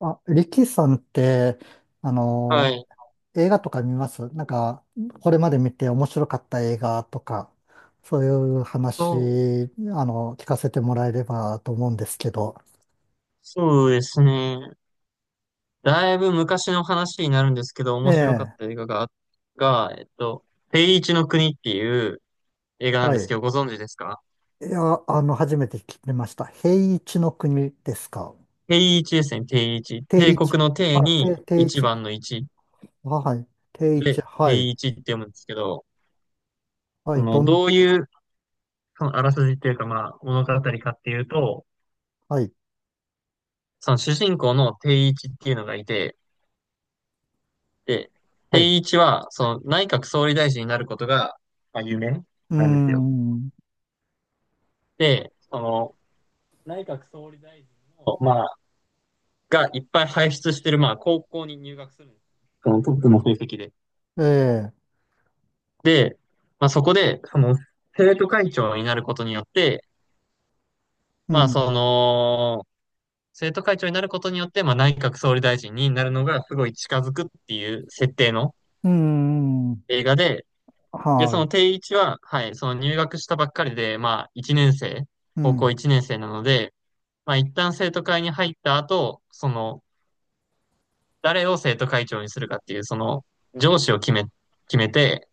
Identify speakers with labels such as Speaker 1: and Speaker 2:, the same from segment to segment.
Speaker 1: あ、リキさんって、あ
Speaker 2: は
Speaker 1: の
Speaker 2: い。
Speaker 1: 映画とか見ますなんか、これまで見て面白かった映画とか、そういう
Speaker 2: そう、
Speaker 1: 話、聞かせてもらえればと思うんですけど。
Speaker 2: そうですね。だいぶ昔の話になるんですけど、
Speaker 1: え
Speaker 2: 面白かっ
Speaker 1: え。
Speaker 2: た映画が、が、えっと、定位置の国っていう映画なん
Speaker 1: は
Speaker 2: です
Speaker 1: い。
Speaker 2: けど、ご存知ですか？
Speaker 1: いや、初めて聞きました。平一の国ですか？
Speaker 2: 定位置ですね、定位置。
Speaker 1: 定
Speaker 2: 帝
Speaker 1: 一。
Speaker 2: 国の
Speaker 1: あ、
Speaker 2: 帝
Speaker 1: 定、
Speaker 2: に
Speaker 1: 定
Speaker 2: 一
Speaker 1: 一。
Speaker 2: 番の一
Speaker 1: あ、はい。定一。
Speaker 2: で、
Speaker 1: はい。
Speaker 2: 定位置って読むんですけど、
Speaker 1: は
Speaker 2: そ
Speaker 1: い。
Speaker 2: の、
Speaker 1: どん、
Speaker 2: どういう、その、あらすじっていうか、まあ、物語かっていうと、
Speaker 1: はい。
Speaker 2: その主人公の定位置っていうのがいて、で、
Speaker 1: はい。
Speaker 2: 定位置は、その、内閣総理大臣になることが、まあ、夢
Speaker 1: うー
Speaker 2: なんですよ。
Speaker 1: ん。
Speaker 2: で、その、内閣総理大臣の、まあ、がいっぱい輩出してる、まあ、高校に入学するんです。そのトップの成績で。
Speaker 1: ええ、
Speaker 2: まあ、そこで、その、生徒会長になることによって、
Speaker 1: う
Speaker 2: まあ、
Speaker 1: ん。
Speaker 2: その、生徒会長になることによって、まあ、内閣総理大臣になるのがすごい近づくっていう設定の
Speaker 1: うーん。
Speaker 2: 映画で、で、そ
Speaker 1: は
Speaker 2: の
Speaker 1: い。
Speaker 2: 定位置は、はい、その入学したばっかりで、まあ、1年生、
Speaker 1: う
Speaker 2: 高校
Speaker 1: ん。
Speaker 2: 1年生なので、まあ、一旦生徒会に入った後、その、誰を生徒会長にするかっていう、その、上司を決めて、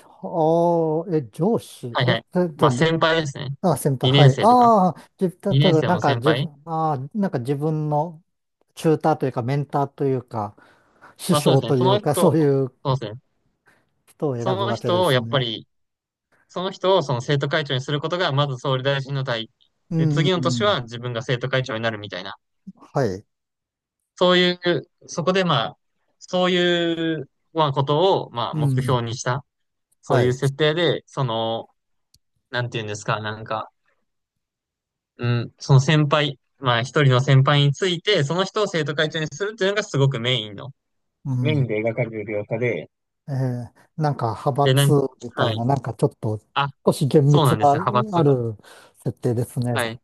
Speaker 1: ああ、え、上司、
Speaker 2: はい
Speaker 1: え、
Speaker 2: はい。
Speaker 1: たた、
Speaker 2: まあ、先輩ですね。
Speaker 1: あ、先
Speaker 2: 2
Speaker 1: 輩、
Speaker 2: 年
Speaker 1: はい。
Speaker 2: 生とか。
Speaker 1: ああ、じ、た、多
Speaker 2: 2年
Speaker 1: 分
Speaker 2: 生
Speaker 1: なん
Speaker 2: の
Speaker 1: か
Speaker 2: 先
Speaker 1: 自
Speaker 2: 輩。
Speaker 1: 分、ああ、なんか自分のチューターというか、メンターというか、師
Speaker 2: まあ、そうで
Speaker 1: 匠
Speaker 2: すね。
Speaker 1: というか、そういう
Speaker 2: そうですね。
Speaker 1: 人を
Speaker 2: そ
Speaker 1: 選ぶ
Speaker 2: の
Speaker 1: わけで
Speaker 2: 人を、
Speaker 1: す
Speaker 2: やっぱ
Speaker 1: ね。
Speaker 2: り、その人をその生徒会長にすることが、まず総理大臣の代。
Speaker 1: う
Speaker 2: で、
Speaker 1: ん、
Speaker 2: 次
Speaker 1: う
Speaker 2: の年
Speaker 1: ん、
Speaker 2: は自分が生徒会長になるみたいな。
Speaker 1: はい。
Speaker 2: そういう、そこでまあ、そういう、まあ、ことを、まあ、
Speaker 1: う
Speaker 2: 目
Speaker 1: ん、
Speaker 2: 標にした。そ
Speaker 1: は
Speaker 2: ういう
Speaker 1: い。
Speaker 2: 設定で、その、なんていうんですか、なんか、うん、その先輩、まあ一人の先輩について、その人を生徒会長にするっていうのがすごくメインの、
Speaker 1: う
Speaker 2: メイン
Speaker 1: ん。
Speaker 2: で描かれる描写で、
Speaker 1: えー、なんか派
Speaker 2: で、な
Speaker 1: 閥
Speaker 2: んか、
Speaker 1: みた
Speaker 2: は
Speaker 1: いな、
Speaker 2: い。
Speaker 1: なんかちょっと、
Speaker 2: あ、
Speaker 1: 少し厳
Speaker 2: そう
Speaker 1: 密
Speaker 2: なんで
Speaker 1: な、
Speaker 2: すよ、派閥
Speaker 1: あ
Speaker 2: とか。
Speaker 1: る設定です
Speaker 2: は
Speaker 1: ね。
Speaker 2: い。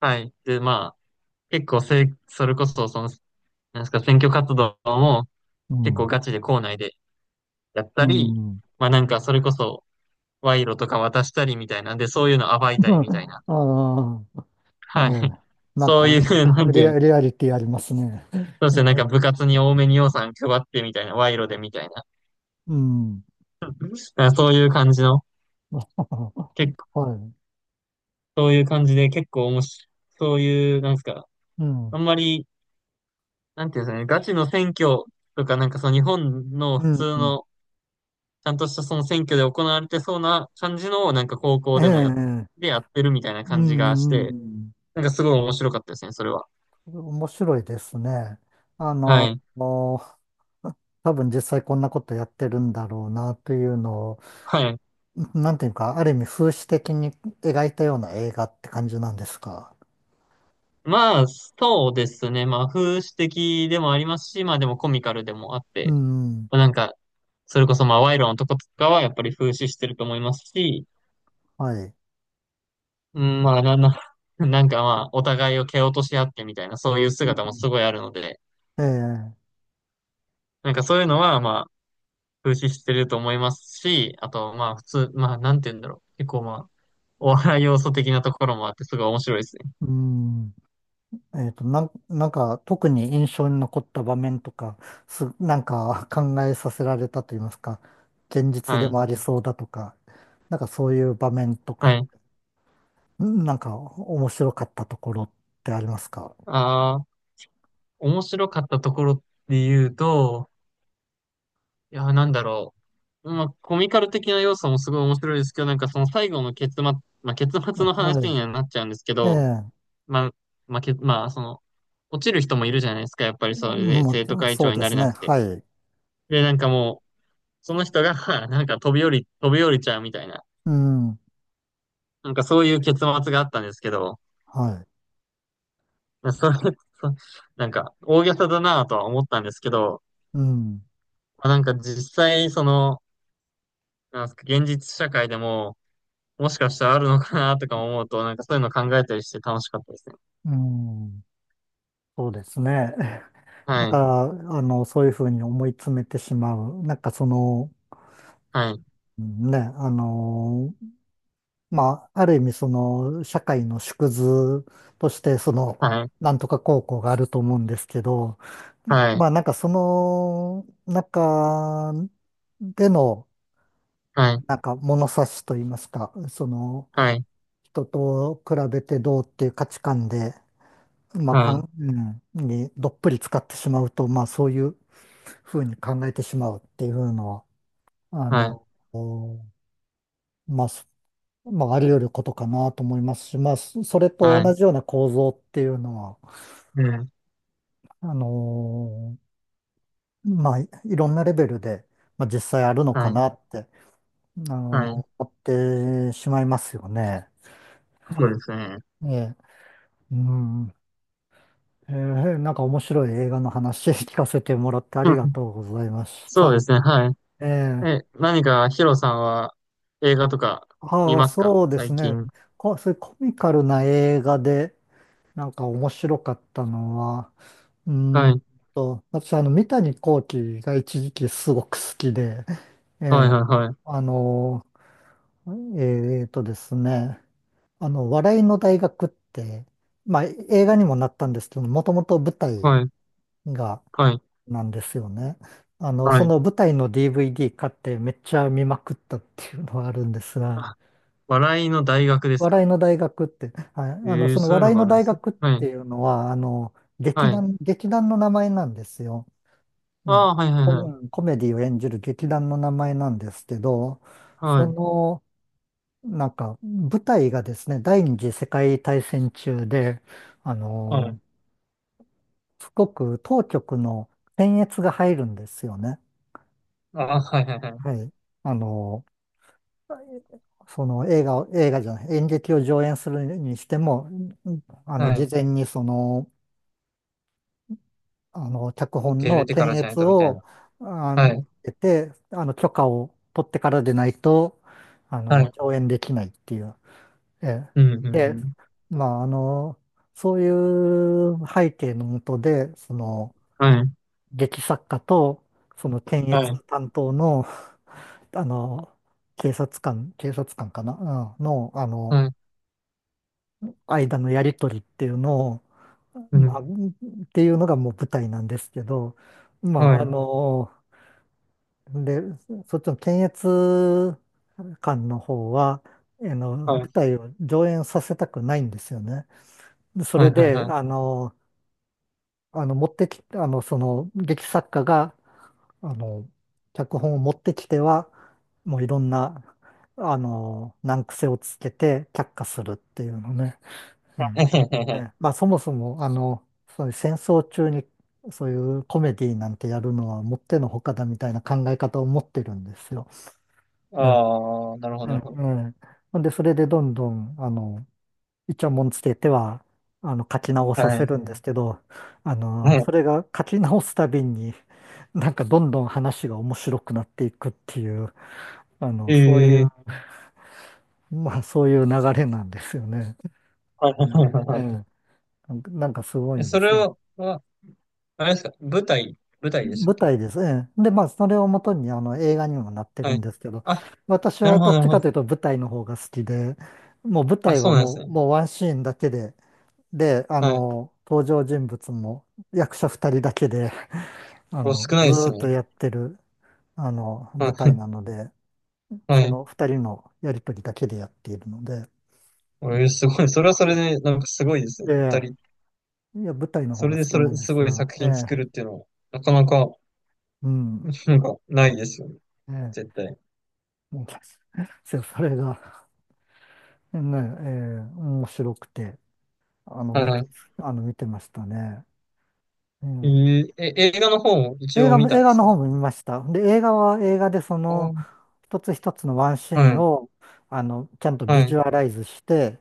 Speaker 2: はい。で、まあ、結構せ、それこそ、その、なんですか、選挙活動も
Speaker 1: う
Speaker 2: 結構
Speaker 1: ん、
Speaker 2: ガチで校内でやっ
Speaker 1: う
Speaker 2: たり、
Speaker 1: ん。
Speaker 2: まあなんか、それこそ、賄賂とか渡したりみたいなんで、そういうの暴いたりみたいな。
Speaker 1: ああ。ええ、
Speaker 2: はい。
Speaker 1: なん
Speaker 2: そうい
Speaker 1: か、
Speaker 2: う、なんてい
Speaker 1: リ
Speaker 2: うの、
Speaker 1: ア、リアリティありますね。
Speaker 2: そうですね、なんか部活に多めに予算配ってみたいな、賄賂でみたいな。
Speaker 1: うん。
Speaker 2: あ、そういう感じの、結構、
Speaker 1: はい。
Speaker 2: そういう感じで結構面白い、そういう、なんですか、
Speaker 1: うん。
Speaker 2: あんまり、なんていうんですかね、ガチの選挙とか、なんかその日本の
Speaker 1: う
Speaker 2: 普通
Speaker 1: ん。
Speaker 2: の、ちゃんとしたその選挙で行われてそうな感じの、なんか高
Speaker 1: え
Speaker 2: 校
Speaker 1: え、
Speaker 2: で
Speaker 1: う
Speaker 2: もやっ、
Speaker 1: ん。
Speaker 2: でやってるみたいな
Speaker 1: う
Speaker 2: 感じがして、
Speaker 1: ん、
Speaker 2: なんかすごい面白かったですね、それは。
Speaker 1: 面白いですね。
Speaker 2: はい。
Speaker 1: もう多分実際こんなことやってるんだろうなというのを、
Speaker 2: はい。
Speaker 1: なんていうか、ある意味風刺的に描いたような映画って感じなんですか？
Speaker 2: まあ、そうですね。まあ、風刺的でもありますし、まあでもコミカルでもあっ
Speaker 1: う
Speaker 2: て、
Speaker 1: ん。
Speaker 2: まあなんか、それこそまあ、賄賂のとことかはやっぱり風刺してると思いますし、
Speaker 1: はい。
Speaker 2: うん、まあ、な、な、なんかまあ、お互いを蹴落とし合ってみたいな、そういう
Speaker 1: う
Speaker 2: 姿も
Speaker 1: ん、
Speaker 2: すごいあるので、
Speaker 1: ええ、
Speaker 2: なんかそういうのはまあ、風刺してると思いますし、あとまあ、普通、まあ、なんて言うんだろう。結構まあ、お笑い要素的なところもあって、すごい面白いですね。
Speaker 1: うん。なん、なんか特に印象に残った場面とか、す、なんか 考えさせられたと言いますか、現実で
Speaker 2: はい。
Speaker 1: もありそうだとか、なんかそういう場面と
Speaker 2: は
Speaker 1: か、
Speaker 2: い。
Speaker 1: ん、なんか面白かったところってありますか？
Speaker 2: ああ、面白かったところで言うと、いや、なんだろう。まあ、コミカル的な要素もすごい面白いですけど、なんかその最後の結末、まあ、結末の話
Speaker 1: は
Speaker 2: にはなっちゃうんですけ
Speaker 1: い。え
Speaker 2: ど、
Speaker 1: え、
Speaker 2: まあ、まあ、その、落ちる人もいるじゃないですか、やっぱりそれで
Speaker 1: も
Speaker 2: 生徒
Speaker 1: う、
Speaker 2: 会
Speaker 1: そ
Speaker 2: 長
Speaker 1: う
Speaker 2: に
Speaker 1: で
Speaker 2: なれ
Speaker 1: す
Speaker 2: な
Speaker 1: ね。
Speaker 2: くて。
Speaker 1: はい。
Speaker 2: で、なんかもう、その人が、なんか飛び降り、飛び降りちゃうみたいな、
Speaker 1: うん。
Speaker 2: なんかそういう結末があったんですけど、
Speaker 1: はい。
Speaker 2: それ、なんか大げさだなとは思ったんですけど、
Speaker 1: うん。
Speaker 2: なんか実際、その、なんすか、現実社会でも、もしかしたらあるのかなとか思うと、なんかそういうの考えたりして楽しかったですね。
Speaker 1: うん。そうですね。なん
Speaker 2: は
Speaker 1: か
Speaker 2: い、
Speaker 1: ら、そういうふうに思い詰めてしまう。なんかその、
Speaker 2: はい、
Speaker 1: ね、あの、まあ、ある意味、その、社会の縮図として、その、
Speaker 2: はい、
Speaker 1: なんとか高校があると思うんですけど、
Speaker 2: はい、
Speaker 1: まあ、なんかその中での、
Speaker 2: はい、
Speaker 1: なんか物差しといいますか、その、
Speaker 2: はい、
Speaker 1: 人と比べてどうっていう価値観で、まあ、
Speaker 2: は
Speaker 1: か
Speaker 2: い、
Speaker 1: ん、うん、にどっぷり使ってしまうと、まあ、そういうふうに考えてしまうっていうのは、あ
Speaker 2: はい、
Speaker 1: の、まあ、まあ、あり得ることかなと思いますし、まあ、そ、それと
Speaker 2: はい、
Speaker 1: 同じような構造っていうのは、あのまあ、い、いろんなレベルで、まあ、実際あるのか
Speaker 2: はい、
Speaker 1: なって、あの、
Speaker 2: はい。
Speaker 1: 思ってしまいますよね。
Speaker 2: そうですね。
Speaker 1: ええ、うん。ええ、なんか面白い映画の話 聞かせてもらってあ
Speaker 2: う
Speaker 1: りが
Speaker 2: ん、
Speaker 1: とうございまし
Speaker 2: そうで
Speaker 1: た。
Speaker 2: すね。はい。
Speaker 1: ええ、
Speaker 2: え、何かヒロさんは映画とか見
Speaker 1: ああ、
Speaker 2: ますか、
Speaker 1: そうです
Speaker 2: 最
Speaker 1: ね。
Speaker 2: 近？
Speaker 1: こ、そういうコミカルな映画で、なんか面白かったのは、うー
Speaker 2: は
Speaker 1: ん。
Speaker 2: い。
Speaker 1: と、私、三谷幸喜が一時期すごく好きで、え
Speaker 2: はいは
Speaker 1: え、
Speaker 2: いはい。
Speaker 1: あの、えーとですね、あの、笑いの大学って、まあ、映画にもなったんですけど、もともと舞台
Speaker 2: はい。
Speaker 1: が、
Speaker 2: はい。
Speaker 1: なんですよね。
Speaker 2: は
Speaker 1: そ
Speaker 2: い。
Speaker 1: の舞台の DVD 買ってめっちゃ見まくったっていうのはあるんですが、
Speaker 2: あ、笑いの大学ですか？
Speaker 1: 笑いの大学って、はい、
Speaker 2: ええー、
Speaker 1: その
Speaker 2: そういう
Speaker 1: 笑
Speaker 2: の
Speaker 1: い
Speaker 2: があ
Speaker 1: の
Speaker 2: るんで
Speaker 1: 大
Speaker 2: すよ。
Speaker 1: 学っ
Speaker 2: はい。
Speaker 1: ていうのは、劇
Speaker 2: はい。
Speaker 1: 団、劇団の名前なんですよ。う
Speaker 2: あ
Speaker 1: ん。
Speaker 2: あ、はいはい
Speaker 1: コ、
Speaker 2: は
Speaker 1: う
Speaker 2: い。
Speaker 1: ん、コメディを演じる劇団の名前なんですけど、
Speaker 2: は
Speaker 1: そ
Speaker 2: い。
Speaker 1: の、なんか、舞台がですね、第二次世界大戦中で、あ
Speaker 2: はい。
Speaker 1: の、すごく当局の検閲が入るんですよね。
Speaker 2: ああ、はいはいはい。
Speaker 1: はい。あの、その映画を、映画じゃない、演劇を上演するにしても、うん、あの、
Speaker 2: は
Speaker 1: 事
Speaker 2: い。
Speaker 1: 前にその、脚
Speaker 2: 受
Speaker 1: 本
Speaker 2: け入
Speaker 1: の
Speaker 2: れてから
Speaker 1: 検
Speaker 2: じゃない
Speaker 1: 閲
Speaker 2: とみたいな。
Speaker 1: を、あ
Speaker 2: は
Speaker 1: の、
Speaker 2: い。
Speaker 1: 得て、許可を取ってからでないと、
Speaker 2: はい。
Speaker 1: 上演できないっていう。え
Speaker 2: うん、うん、う
Speaker 1: え、で、
Speaker 2: ん。
Speaker 1: まあ、そういう背景のもとで、その、
Speaker 2: はい。
Speaker 1: 劇作家と、その検
Speaker 2: はい。
Speaker 1: 閲担当の、あの、警察官かな、うん、の、
Speaker 2: はい。
Speaker 1: 間のやりとりっていうのを、
Speaker 2: う
Speaker 1: ま
Speaker 2: ん。
Speaker 1: あ、っていうのがもう舞台なんですけど、ま
Speaker 2: は
Speaker 1: あ、
Speaker 2: い。
Speaker 1: で、そっちの検閲官の方は、
Speaker 2: は
Speaker 1: 舞
Speaker 2: い。
Speaker 1: 台を上演させたくないんですよね。でそ
Speaker 2: は
Speaker 1: れ
Speaker 2: いはい
Speaker 1: で、
Speaker 2: はい。
Speaker 1: 持ってき、その、劇作家が、あの、脚本を持ってきては、もういろんな、難癖をつけて却下するっていうのね。うん、え え、まあ、そもそも、そういう戦争中に、そういうコメディなんてやるのはもってのほかだみたいな考え方を持ってるんですよ。
Speaker 2: ああ、なるほど、
Speaker 1: う
Speaker 2: なるほど。
Speaker 1: ん、うん。ほんで、それでどんどん、イチャモンつけては、書き直さ
Speaker 2: は
Speaker 1: せ
Speaker 2: い。
Speaker 1: るんですけど、
Speaker 2: は
Speaker 1: そ
Speaker 2: い。
Speaker 1: れが書き直すたびに、なんかどんどん話が面白くなっていくっていう、そうい
Speaker 2: え
Speaker 1: う、
Speaker 2: え、
Speaker 1: まあ、そういう流れなんですよね。
Speaker 2: はいは
Speaker 1: う
Speaker 2: い
Speaker 1: ん、
Speaker 2: はい
Speaker 1: え
Speaker 2: はい。
Speaker 1: え、なんか、なんかす ご
Speaker 2: え
Speaker 1: いで
Speaker 2: そ
Speaker 1: す
Speaker 2: れ
Speaker 1: よ。
Speaker 2: をは、あれですか、舞台、舞台でしたっ
Speaker 1: 舞
Speaker 2: け
Speaker 1: 台です。ええ、で、まあ、それをもと
Speaker 2: あ、
Speaker 1: に、映画にもなってる
Speaker 2: は
Speaker 1: ん
Speaker 2: い。
Speaker 1: ですけど、
Speaker 2: あ、
Speaker 1: 私
Speaker 2: なる
Speaker 1: は
Speaker 2: ほ
Speaker 1: ど
Speaker 2: ど、
Speaker 1: っ
Speaker 2: なる
Speaker 1: ち
Speaker 2: ほ
Speaker 1: か
Speaker 2: ど。
Speaker 1: というと舞台の方が好きで、もう舞
Speaker 2: あ、
Speaker 1: 台
Speaker 2: そ
Speaker 1: は
Speaker 2: うなんです
Speaker 1: もう、
Speaker 2: ね。
Speaker 1: もうワンシーンだけで、で、
Speaker 2: はい。
Speaker 1: 登場人物も役者二人だけで、
Speaker 2: お、少ない
Speaker 1: ず
Speaker 2: で
Speaker 1: ー
Speaker 2: す
Speaker 1: っと
Speaker 2: ね。
Speaker 1: やってる、
Speaker 2: はい。
Speaker 1: 舞台 なので、
Speaker 2: は
Speaker 1: そ
Speaker 2: い。
Speaker 1: の二人のやりとりだけでやっているので、うん、
Speaker 2: お、すごい。それはそれで、なんかすごいですね。
Speaker 1: え
Speaker 2: 二
Speaker 1: え、
Speaker 2: 人。
Speaker 1: いや、舞台の方
Speaker 2: それ
Speaker 1: が
Speaker 2: で、
Speaker 1: 好き
Speaker 2: そ
Speaker 1: な
Speaker 2: れ、
Speaker 1: んで
Speaker 2: す
Speaker 1: す
Speaker 2: ごい
Speaker 1: が、
Speaker 2: 作
Speaker 1: え
Speaker 2: 品作
Speaker 1: え、
Speaker 2: るっていうのは、なかなか、
Speaker 1: うん、
Speaker 2: なんか、ないですよね。
Speaker 1: ええ、
Speaker 2: 絶対。
Speaker 1: もう、そう、それが、ね、ええ、面白くて、あの、見
Speaker 2: は
Speaker 1: て、
Speaker 2: い。
Speaker 1: 見てましたね。え
Speaker 2: えー、え、映画の方も
Speaker 1: え、
Speaker 2: 一
Speaker 1: 映
Speaker 2: 応
Speaker 1: 画
Speaker 2: 見
Speaker 1: も、
Speaker 2: た
Speaker 1: 映
Speaker 2: んで
Speaker 1: 画
Speaker 2: す
Speaker 1: の方
Speaker 2: か？
Speaker 1: も見ました。で、映画は映画で、そ
Speaker 2: う
Speaker 1: の、
Speaker 2: ん、
Speaker 1: 一つ一つのワンシー
Speaker 2: は
Speaker 1: ン
Speaker 2: い。
Speaker 1: を、ちゃんと
Speaker 2: は
Speaker 1: ビジ
Speaker 2: い。
Speaker 1: ュアライズして、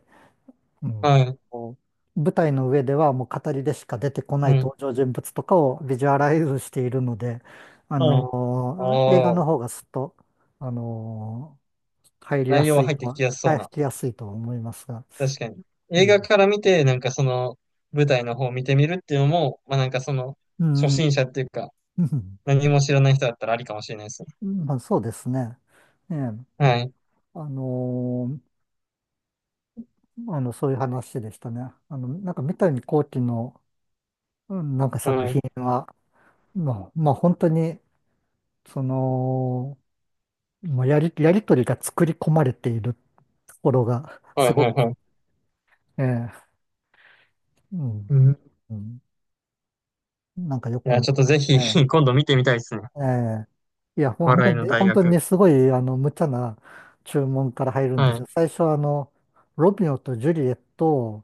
Speaker 1: うん、
Speaker 2: はい。
Speaker 1: こう舞台の上ではもう語りでしか出てこない
Speaker 2: はい。
Speaker 1: 登場人物とかをビジュアライズしているので、
Speaker 2: はい。
Speaker 1: 映画
Speaker 2: あ
Speaker 1: の
Speaker 2: あ、
Speaker 1: 方がすっと、あのー入りや
Speaker 2: 内容
Speaker 1: す
Speaker 2: は
Speaker 1: い
Speaker 2: 入っ
Speaker 1: と
Speaker 2: て
Speaker 1: は、
Speaker 2: きやすそう
Speaker 1: 入
Speaker 2: な。
Speaker 1: りやすいとは思いますが。
Speaker 2: 確かに。
Speaker 1: う
Speaker 2: 映画
Speaker 1: ん。
Speaker 2: から見て、なんかその舞台の方を見てみるっていうのも、まあなんかその
Speaker 1: う
Speaker 2: 初心
Speaker 1: ん。
Speaker 2: 者っていうか、
Speaker 1: うん、
Speaker 2: 何も知らない人だったらありかもしれないですね。
Speaker 1: うん、まあ、そうですね。ええ。
Speaker 2: はい。
Speaker 1: あのーそういう話でしたね。なんか三谷幸喜の、うん、なんか作
Speaker 2: は
Speaker 1: 品
Speaker 2: い。
Speaker 1: は、まあ、まあ本当に、その、まあ、やり、やりとりが作り込まれているところが、
Speaker 2: は
Speaker 1: す
Speaker 2: い
Speaker 1: ご
Speaker 2: は
Speaker 1: く、
Speaker 2: いはい。
Speaker 1: ええ、うん、
Speaker 2: うん。い
Speaker 1: うん、なんかよく
Speaker 2: や、
Speaker 1: 見
Speaker 2: ちょっと
Speaker 1: ま
Speaker 2: ぜひ
Speaker 1: すね。
Speaker 2: 今度見てみたいですね。
Speaker 1: ええ、いや、本当
Speaker 2: 笑い
Speaker 1: に
Speaker 2: の
Speaker 1: ね、
Speaker 2: 大
Speaker 1: 本当に
Speaker 2: 学。
Speaker 1: ね、すごい、無茶な注文から入るんで
Speaker 2: は
Speaker 1: すよ。
Speaker 2: い。
Speaker 1: 最初は、ロミオとジュリエット、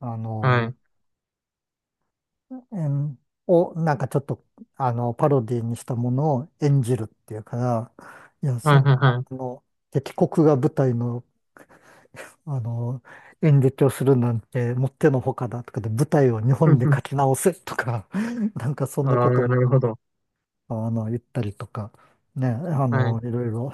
Speaker 1: あ
Speaker 2: は
Speaker 1: の、
Speaker 2: い。
Speaker 1: 演を、なんかちょっと、パロディにしたものを演じるっていうから、いや、そ
Speaker 2: はい
Speaker 1: の、
Speaker 2: はいはい。
Speaker 1: 敵国が舞台のあの、演劇をするなんてもってのほかだとかで、舞台を日本で書き 直せとか、なんかそん
Speaker 2: あ
Speaker 1: な
Speaker 2: あ、
Speaker 1: ことを
Speaker 2: なるほど。
Speaker 1: 言ったりとか、ね、
Speaker 2: はい。
Speaker 1: いろいろ、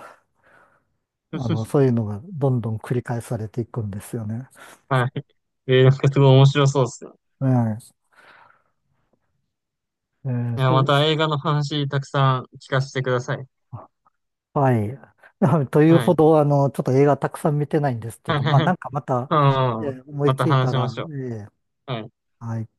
Speaker 1: そういうのがどんどん繰り返されていくんですよね。
Speaker 2: はい。えー、なんかすごい面白そうですね。
Speaker 1: ええ、ええ、
Speaker 2: いや、
Speaker 1: そ
Speaker 2: ま
Speaker 1: うで
Speaker 2: た
Speaker 1: す。
Speaker 2: 映画の話たくさん聞かせてください。
Speaker 1: あ、はい。という
Speaker 2: は
Speaker 1: ほ
Speaker 2: い。
Speaker 1: ど、ちょっと映画たくさん見てないんですけど、まあ、な
Speaker 2: あ
Speaker 1: んかまた、え
Speaker 2: あ、
Speaker 1: え、思い
Speaker 2: ま
Speaker 1: つ
Speaker 2: た
Speaker 1: いた
Speaker 2: 話しま
Speaker 1: ら、
Speaker 2: しょ
Speaker 1: ええ、
Speaker 2: う。はい。
Speaker 1: はい。